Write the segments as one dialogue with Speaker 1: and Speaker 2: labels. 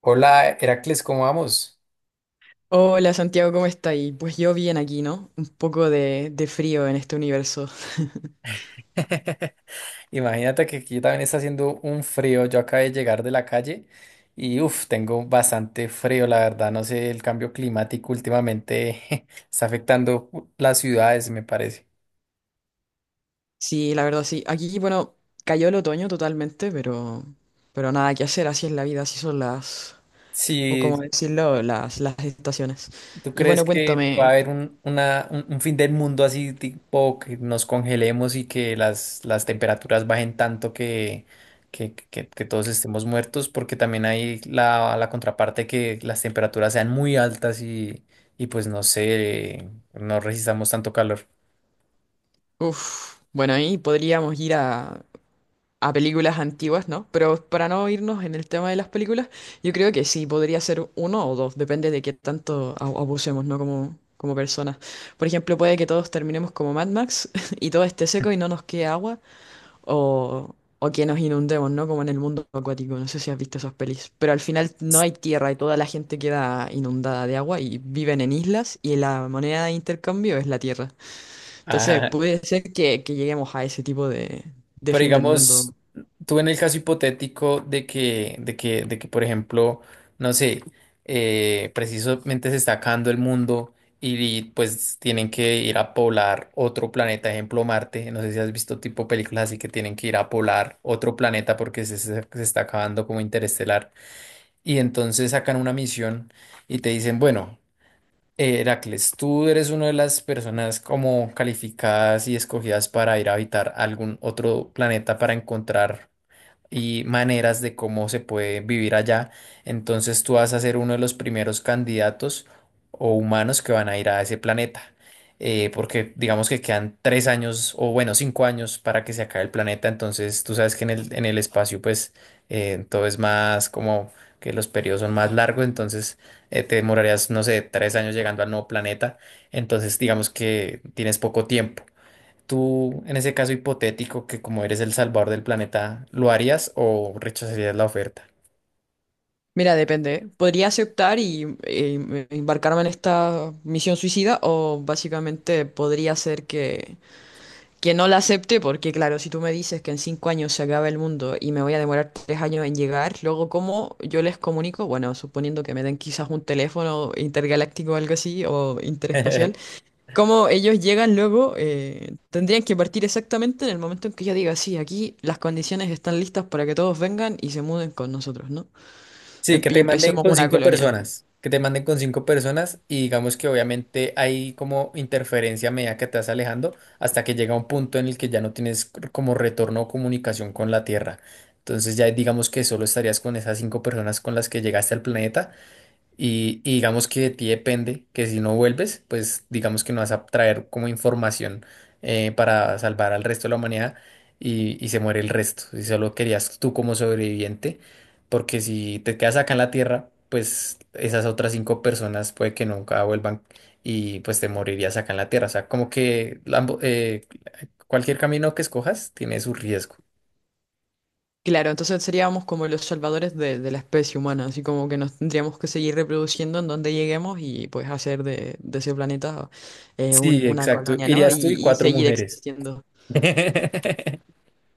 Speaker 1: Hola, Heracles, ¿cómo vamos?
Speaker 2: Hola Santiago, ¿cómo estáis? Pues yo bien aquí, ¿no? Un poco de frío en este universo.
Speaker 1: Imagínate que aquí también está haciendo un frío. Yo acabé de llegar de la calle y uff, tengo bastante frío, la verdad. No sé, el cambio climático últimamente está afectando las ciudades, me parece.
Speaker 2: Sí, la verdad sí. Aquí, bueno, cayó el otoño totalmente, pero nada que hacer, así es la vida, así son las, o
Speaker 1: Sí.
Speaker 2: como decirlo, las estaciones.
Speaker 1: ¿Tú
Speaker 2: Y
Speaker 1: crees
Speaker 2: bueno,
Speaker 1: que va a
Speaker 2: cuéntame.
Speaker 1: haber un fin del mundo así, tipo que nos congelemos y que las temperaturas bajen tanto que, que todos estemos muertos? Porque también hay la contraparte que las temperaturas sean muy altas y pues no sé, no resistamos tanto calor.
Speaker 2: Bueno, ahí podríamos ir a películas antiguas, ¿no? Pero para no irnos en el tema de las películas, yo creo que sí, podría ser uno o dos, depende de qué tanto abusemos, ¿no? Como personas. Por ejemplo, puede que todos terminemos como Mad Max y todo esté seco y no nos quede agua, o que nos inundemos, ¿no? Como en el mundo acuático, no sé si has visto esas pelis, pero al final no hay tierra y toda la gente queda inundada de agua y viven en islas y la moneda de intercambio es la tierra. Entonces, puede ser que lleguemos a ese tipo de
Speaker 1: Pero
Speaker 2: fin del
Speaker 1: digamos,
Speaker 2: mundo.
Speaker 1: tú en el caso hipotético de que, por ejemplo, no sé, precisamente se está acabando el mundo y, pues tienen que ir a poblar otro planeta, ejemplo Marte. No sé si has visto tipo películas así que tienen que ir a poblar otro planeta porque se está acabando como interestelar. Y entonces sacan una misión y te dicen, bueno. Heracles, tú eres una de las personas como calificadas y escogidas para ir a habitar algún otro planeta para encontrar y maneras de cómo se puede vivir allá. Entonces tú vas a ser uno de los primeros candidatos o humanos que van a ir a ese planeta. Porque digamos que quedan tres años o bueno, cinco años para que se acabe el planeta. Entonces tú sabes que en el espacio pues todo es más como que los periodos son más largos. Entonces te demorarías, no sé, tres años llegando al nuevo planeta. Entonces digamos que tienes poco tiempo. Tú, en ese caso hipotético, que como eres el salvador del planeta, ¿lo harías o rechazarías la oferta?
Speaker 2: Mira, depende. ¿Eh? Podría aceptar y, embarcarme en esta misión suicida o básicamente podría ser que no la acepte porque claro, si tú me dices que en 5 años se acaba el mundo y me voy a demorar 3 años en llegar, luego ¿cómo yo les comunico? Bueno, suponiendo que me den quizás un teléfono intergaláctico o algo así o interespacial, ¿cómo ellos llegan luego? Tendrían que partir exactamente en el momento en que yo diga, sí, aquí las condiciones están listas para que todos vengan y se muden con nosotros, ¿no?
Speaker 1: Sí, que
Speaker 2: Y
Speaker 1: te manden
Speaker 2: empecemos
Speaker 1: con
Speaker 2: una
Speaker 1: cinco
Speaker 2: colonia.
Speaker 1: personas, que te manden con cinco personas y digamos que obviamente hay como interferencia a medida que te vas alejando hasta que llega un punto en el que ya no tienes c- como retorno o comunicación con la Tierra. Entonces ya digamos que solo estarías con esas cinco personas con las que llegaste al planeta. Y digamos que de ti depende que si no vuelves, pues digamos que no vas a traer como información para salvar al resto de la humanidad y se muere el resto. Si solo querías tú como sobreviviente, porque si te quedas acá en la Tierra, pues esas otras cinco personas puede que nunca vuelvan y pues te morirías acá en la Tierra. O sea, como que cualquier camino que escojas tiene su riesgo.
Speaker 2: Claro, entonces seríamos como los salvadores de la especie humana, así como que nos tendríamos que seguir reproduciendo en donde lleguemos y pues hacer de ese planeta
Speaker 1: Sí,
Speaker 2: una
Speaker 1: exacto.
Speaker 2: colonia, ¿no?
Speaker 1: Irías tú y
Speaker 2: Y
Speaker 1: cuatro
Speaker 2: seguir
Speaker 1: mujeres.
Speaker 2: existiendo.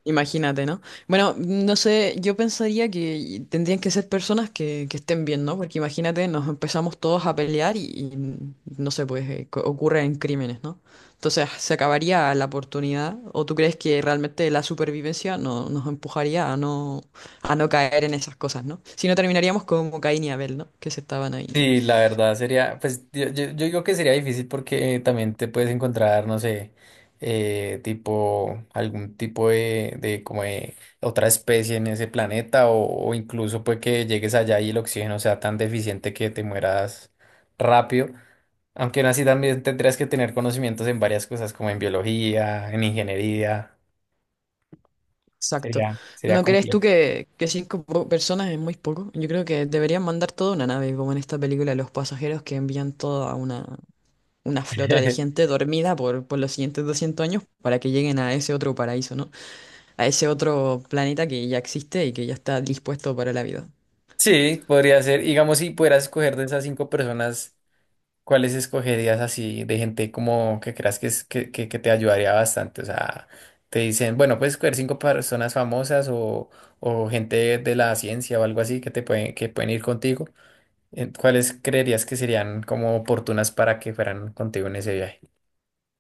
Speaker 2: Imagínate, ¿no? Bueno, no sé, yo pensaría que tendrían que ser personas que estén bien, ¿no? Porque imagínate, nos empezamos todos a pelear y no sé, pues ocurren crímenes, ¿no? Entonces se acabaría la oportunidad. ¿O tú crees que realmente la supervivencia nos empujaría a a no caer en esas cosas, ¿no? Si no terminaríamos como Caín y Abel, ¿no? Que se estaban ahí.
Speaker 1: Sí, la verdad sería, pues yo digo que sería difícil porque también te puedes encontrar, no sé, tipo, algún tipo de como de otra especie en ese planeta o incluso pues que llegues allá y el oxígeno sea tan deficiente que te mueras rápido. Aunque aún así también tendrías que tener conocimientos en varias cosas como en biología, en ingeniería.
Speaker 2: Exacto.
Speaker 1: Sería, sería
Speaker 2: ¿No crees tú
Speaker 1: complejo.
Speaker 2: que cinco personas es muy poco? Yo creo que deberían mandar toda una nave, como en esta película Los Pasajeros, que envían toda una flota de gente dormida por los siguientes 200 años para que lleguen a ese otro paraíso, ¿no? A ese otro planeta que ya existe y que ya está dispuesto para la vida.
Speaker 1: Sí, podría ser, digamos, si pudieras escoger de esas cinco personas. ¿Cuáles escogerías así de gente como que creas que, es- que, que te ayudaría bastante? O sea, te dicen, bueno, puedes escoger cinco personas famosas o gente de la ciencia o algo así que te pueden, que pueden ir contigo. ¿Cuáles creerías que serían como oportunas para que fueran contigo en ese viaje?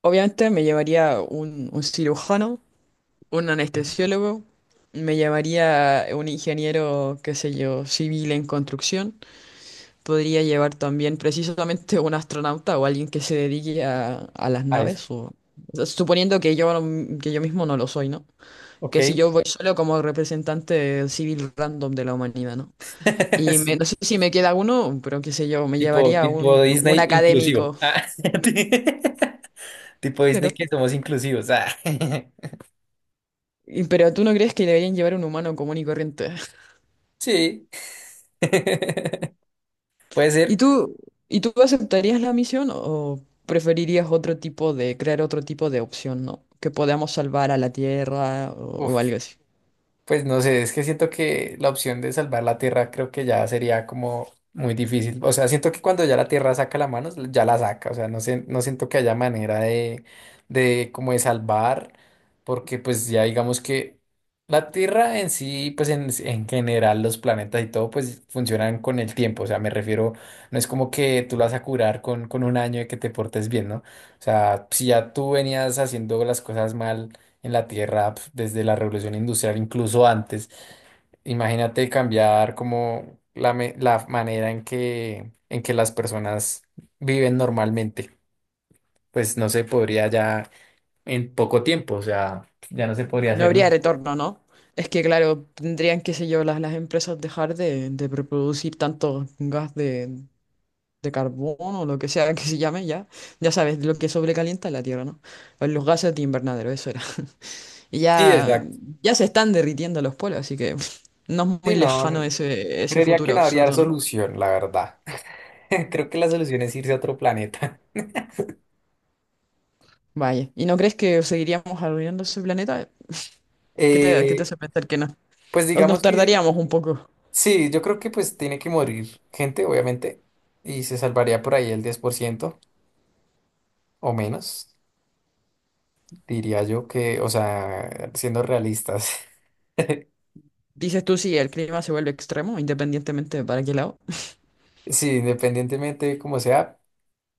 Speaker 2: Obviamente me llevaría un cirujano, un anestesiólogo, me llevaría un ingeniero, qué sé yo, civil en construcción. Podría llevar también precisamente un astronauta o alguien que se dedique a las
Speaker 1: A eso.
Speaker 2: naves, o sea, suponiendo que yo, que yo mismo no lo soy, ¿no?
Speaker 1: Ok.
Speaker 2: Que si yo voy solo como representante civil random de la humanidad, ¿no? Y
Speaker 1: Sí.
Speaker 2: no sé si me queda uno, pero qué sé yo, me
Speaker 1: Tipo,
Speaker 2: llevaría
Speaker 1: tipo Disney
Speaker 2: un
Speaker 1: inclusivo.
Speaker 2: académico.
Speaker 1: Ah. Ti- Tipo
Speaker 2: Pero,
Speaker 1: Disney que somos inclusivos. Ah.
Speaker 2: pero tú no crees que deberían llevar un humano común y corriente.
Speaker 1: Sí. Puede
Speaker 2: ¿Y
Speaker 1: ser.
Speaker 2: tú, ¿Y tú aceptarías la misión o preferirías otro tipo de, crear otro tipo de opción, ¿no? Que podamos salvar a la Tierra o
Speaker 1: Uf.
Speaker 2: algo así.
Speaker 1: Pues no sé, es que siento que la opción de salvar la Tierra creo que ya sería como muy difícil. O sea, siento que cuando ya la Tierra saca la mano, ya la saca. O sea, no sé, no siento que haya manera de como de salvar, porque pues ya digamos que la Tierra en sí, pues en general los planetas y todo, pues funcionan con el tiempo. O sea, me refiero, no es como que tú la vas a curar con un año de que te portes bien, ¿no? O sea, si ya tú venías haciendo las cosas mal en la Tierra pf, desde la Revolución Industrial, incluso antes. Imagínate cambiar como la manera en que las personas viven normalmente. Pues no se podría ya en poco tiempo, o sea, ya no se podría
Speaker 2: No
Speaker 1: hacer nada.
Speaker 2: habría retorno, ¿no? Es que, claro, tendrían, qué sé yo, las empresas dejar de reproducir tanto gas de carbón o lo que sea que se llame ya. Ya sabes, lo que sobrecalienta la Tierra, ¿no? Pues los gases de invernadero, eso era. Y
Speaker 1: Sí,
Speaker 2: ya,
Speaker 1: exacto.
Speaker 2: ya se están derritiendo los polos, así que no es
Speaker 1: Sí,
Speaker 2: muy lejano
Speaker 1: no,
Speaker 2: ese
Speaker 1: creería que
Speaker 2: futuro
Speaker 1: no habría
Speaker 2: absurdo, ¿no?
Speaker 1: solución, la verdad. Creo que la solución es irse a otro planeta.
Speaker 2: Vaya. ¿Y no crees que seguiríamos arruinando ese planeta? ¿Qué te
Speaker 1: Eh,
Speaker 2: hace pensar que no?
Speaker 1: pues
Speaker 2: Nos
Speaker 1: digamos que sí,
Speaker 2: tardaríamos un poco.
Speaker 1: sí, yo creo que pues tiene que morir gente, obviamente, y se salvaría por ahí el 10% o menos, diría yo que, o sea, siendo realistas,
Speaker 2: Dices tú, sí, el clima se vuelve extremo, independientemente de para qué lado.
Speaker 1: sí, independientemente de cómo sea,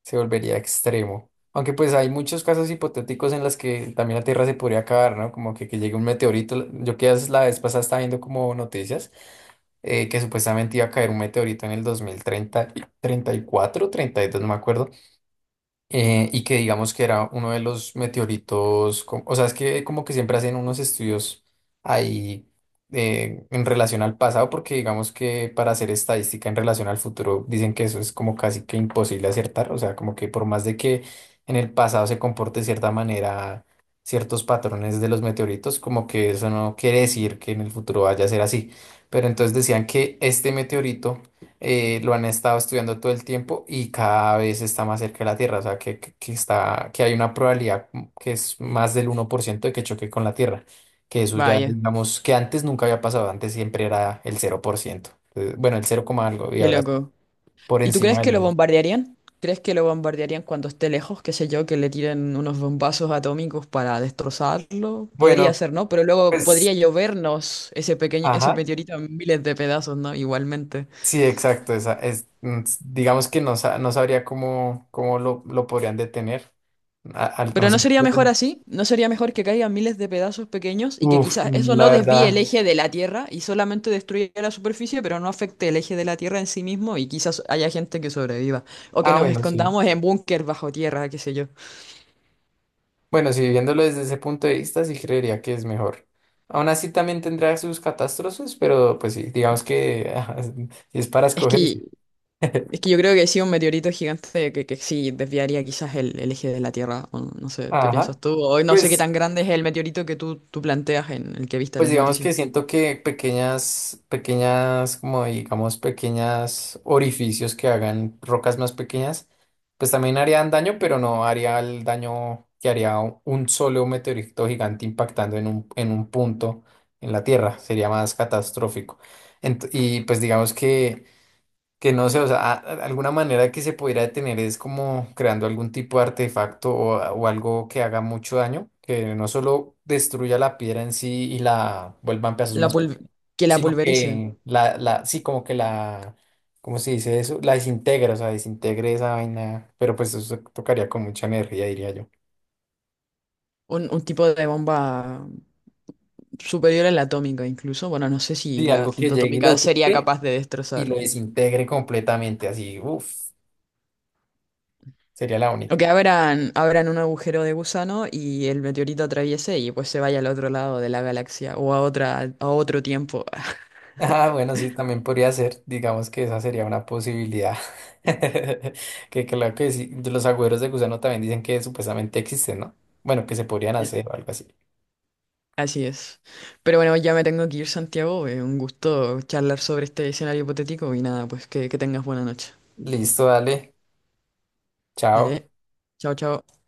Speaker 1: se volvería extremo. Aunque pues hay muchos casos hipotéticos en las que también la Tierra se podría acabar, ¿no? Como que llegue un meteorito. Yo que la vez pasada estaba viendo como noticias que supuestamente iba a caer un meteorito en el dos mil treinta treinta y cuatro treinta y dos, no me acuerdo. Y que digamos que era uno de los meteoritos, co- o sea, es que como que siempre hacen unos estudios ahí en relación al pasado, porque digamos que para hacer estadística en relación al futuro dicen que eso es como casi que imposible acertar, o sea, como que por más de que en el pasado se comporte de cierta manera, ciertos patrones de los meteoritos, como que eso no quiere decir que en el futuro vaya a ser así. Pero entonces decían que este meteorito lo han estado estudiando todo el tiempo y cada vez está más cerca de la Tierra, o sea, que, que está, que hay una probabilidad m- que es más del uno por ciento de que choque con la Tierra, que eso ya,
Speaker 2: Vaya,
Speaker 1: digamos, que antes nunca había pasado, antes siempre era el 0%. Entonces, bueno, el cero coma algo y
Speaker 2: qué
Speaker 1: ahora
Speaker 2: loco.
Speaker 1: por
Speaker 2: ¿Y tú crees
Speaker 1: encima
Speaker 2: que
Speaker 1: del
Speaker 2: lo
Speaker 1: 1.
Speaker 2: bombardearían? ¿Crees que lo bombardearían cuando esté lejos? Qué sé yo, que le tiren unos bombazos atómicos para destrozarlo. Podría
Speaker 1: Bueno,
Speaker 2: ser, ¿no? Pero luego
Speaker 1: pues,
Speaker 2: podría llovernos ese pequeño, ese
Speaker 1: ajá,
Speaker 2: meteorito en miles de pedazos, ¿no? Igualmente.
Speaker 1: sí, exacto, esa es, mm, s- digamos que no, sa- no sabría cómo, cómo lo podrían detener, a- al-
Speaker 2: Pero
Speaker 1: no
Speaker 2: ¿no
Speaker 1: sé.
Speaker 2: sería mejor así? ¿No sería mejor que caigan miles de pedazos pequeños y que
Speaker 1: Uf,
Speaker 2: quizás eso
Speaker 1: la
Speaker 2: no desvíe el
Speaker 1: verdad.
Speaker 2: eje de la Tierra y solamente destruya la superficie, pero no afecte el eje de la Tierra en sí mismo y quizás haya gente que sobreviva? O que
Speaker 1: Ah,
Speaker 2: nos
Speaker 1: bueno, sí.
Speaker 2: escondamos en búnker bajo tierra, qué sé yo.
Speaker 1: Bueno, si viéndolo desde ese punto de vista, sí creería que es mejor. Aún así también tendrá sus catástrofes, pero pues sí, digamos que ajá, si es para
Speaker 2: Es que
Speaker 1: escogerse.
Speaker 2: Es que yo creo que sí, un meteorito gigante que sí desviaría quizás el eje de la Tierra. O no sé, ¿qué
Speaker 1: Ajá.
Speaker 2: piensas tú? O no sé qué
Speaker 1: Pues
Speaker 2: tan grande es el meteorito que tú planteas en el que viste en
Speaker 1: pues
Speaker 2: las
Speaker 1: digamos
Speaker 2: noticias.
Speaker 1: que siento que pequeñas, pequeñas, como digamos, pequeñas orificios que hagan rocas más pequeñas, pues también harían daño, pero no haría el daño que haría u- un solo meteorito gigante impactando en un punto en la Tierra. Sería más catastrófico. Ent- y pues digamos que no sé, o sea, a- alguna manera que se pudiera detener es como creando algún tipo de artefacto o, a- o algo que haga mucho daño, que no solo destruya la piedra en sí y la vuelva en pedazos
Speaker 2: La
Speaker 1: más
Speaker 2: pulv-
Speaker 1: pequeños,
Speaker 2: que la
Speaker 1: sino
Speaker 2: pulverice.
Speaker 1: que la, sí, como que la, ¿cómo se dice eso? La desintegra, o sea, desintegre esa vaina, pero pues eso tocaría con mucha energía, diría yo.
Speaker 2: Un tipo de bomba superior a la atómica incluso. Bueno, no sé si
Speaker 1: Sí, algo que
Speaker 2: la
Speaker 1: llegue y
Speaker 2: atómica
Speaker 1: lo
Speaker 2: sería
Speaker 1: toque
Speaker 2: capaz de
Speaker 1: y
Speaker 2: destrozar.
Speaker 1: lo desintegre completamente, así, uff, sería la
Speaker 2: O
Speaker 1: única.
Speaker 2: que abran un agujero de gusano y el meteorito atraviese y pues se vaya al otro lado de la galaxia o a otra, a otro tiempo.
Speaker 1: Ah, bueno, sí, también podría ser. Digamos que esa sería una posibilidad. Que claro que sí, de los agüeros de gusano también dicen que supuestamente existen, ¿no? Bueno, que se podrían hacer o algo así.
Speaker 2: Así es. Pero bueno, ya me tengo que ir, Santiago. Un gusto charlar sobre este escenario hipotético y nada, pues que tengas buena noche.
Speaker 1: Listo, dale. Chao.
Speaker 2: Dale. Chao, chao.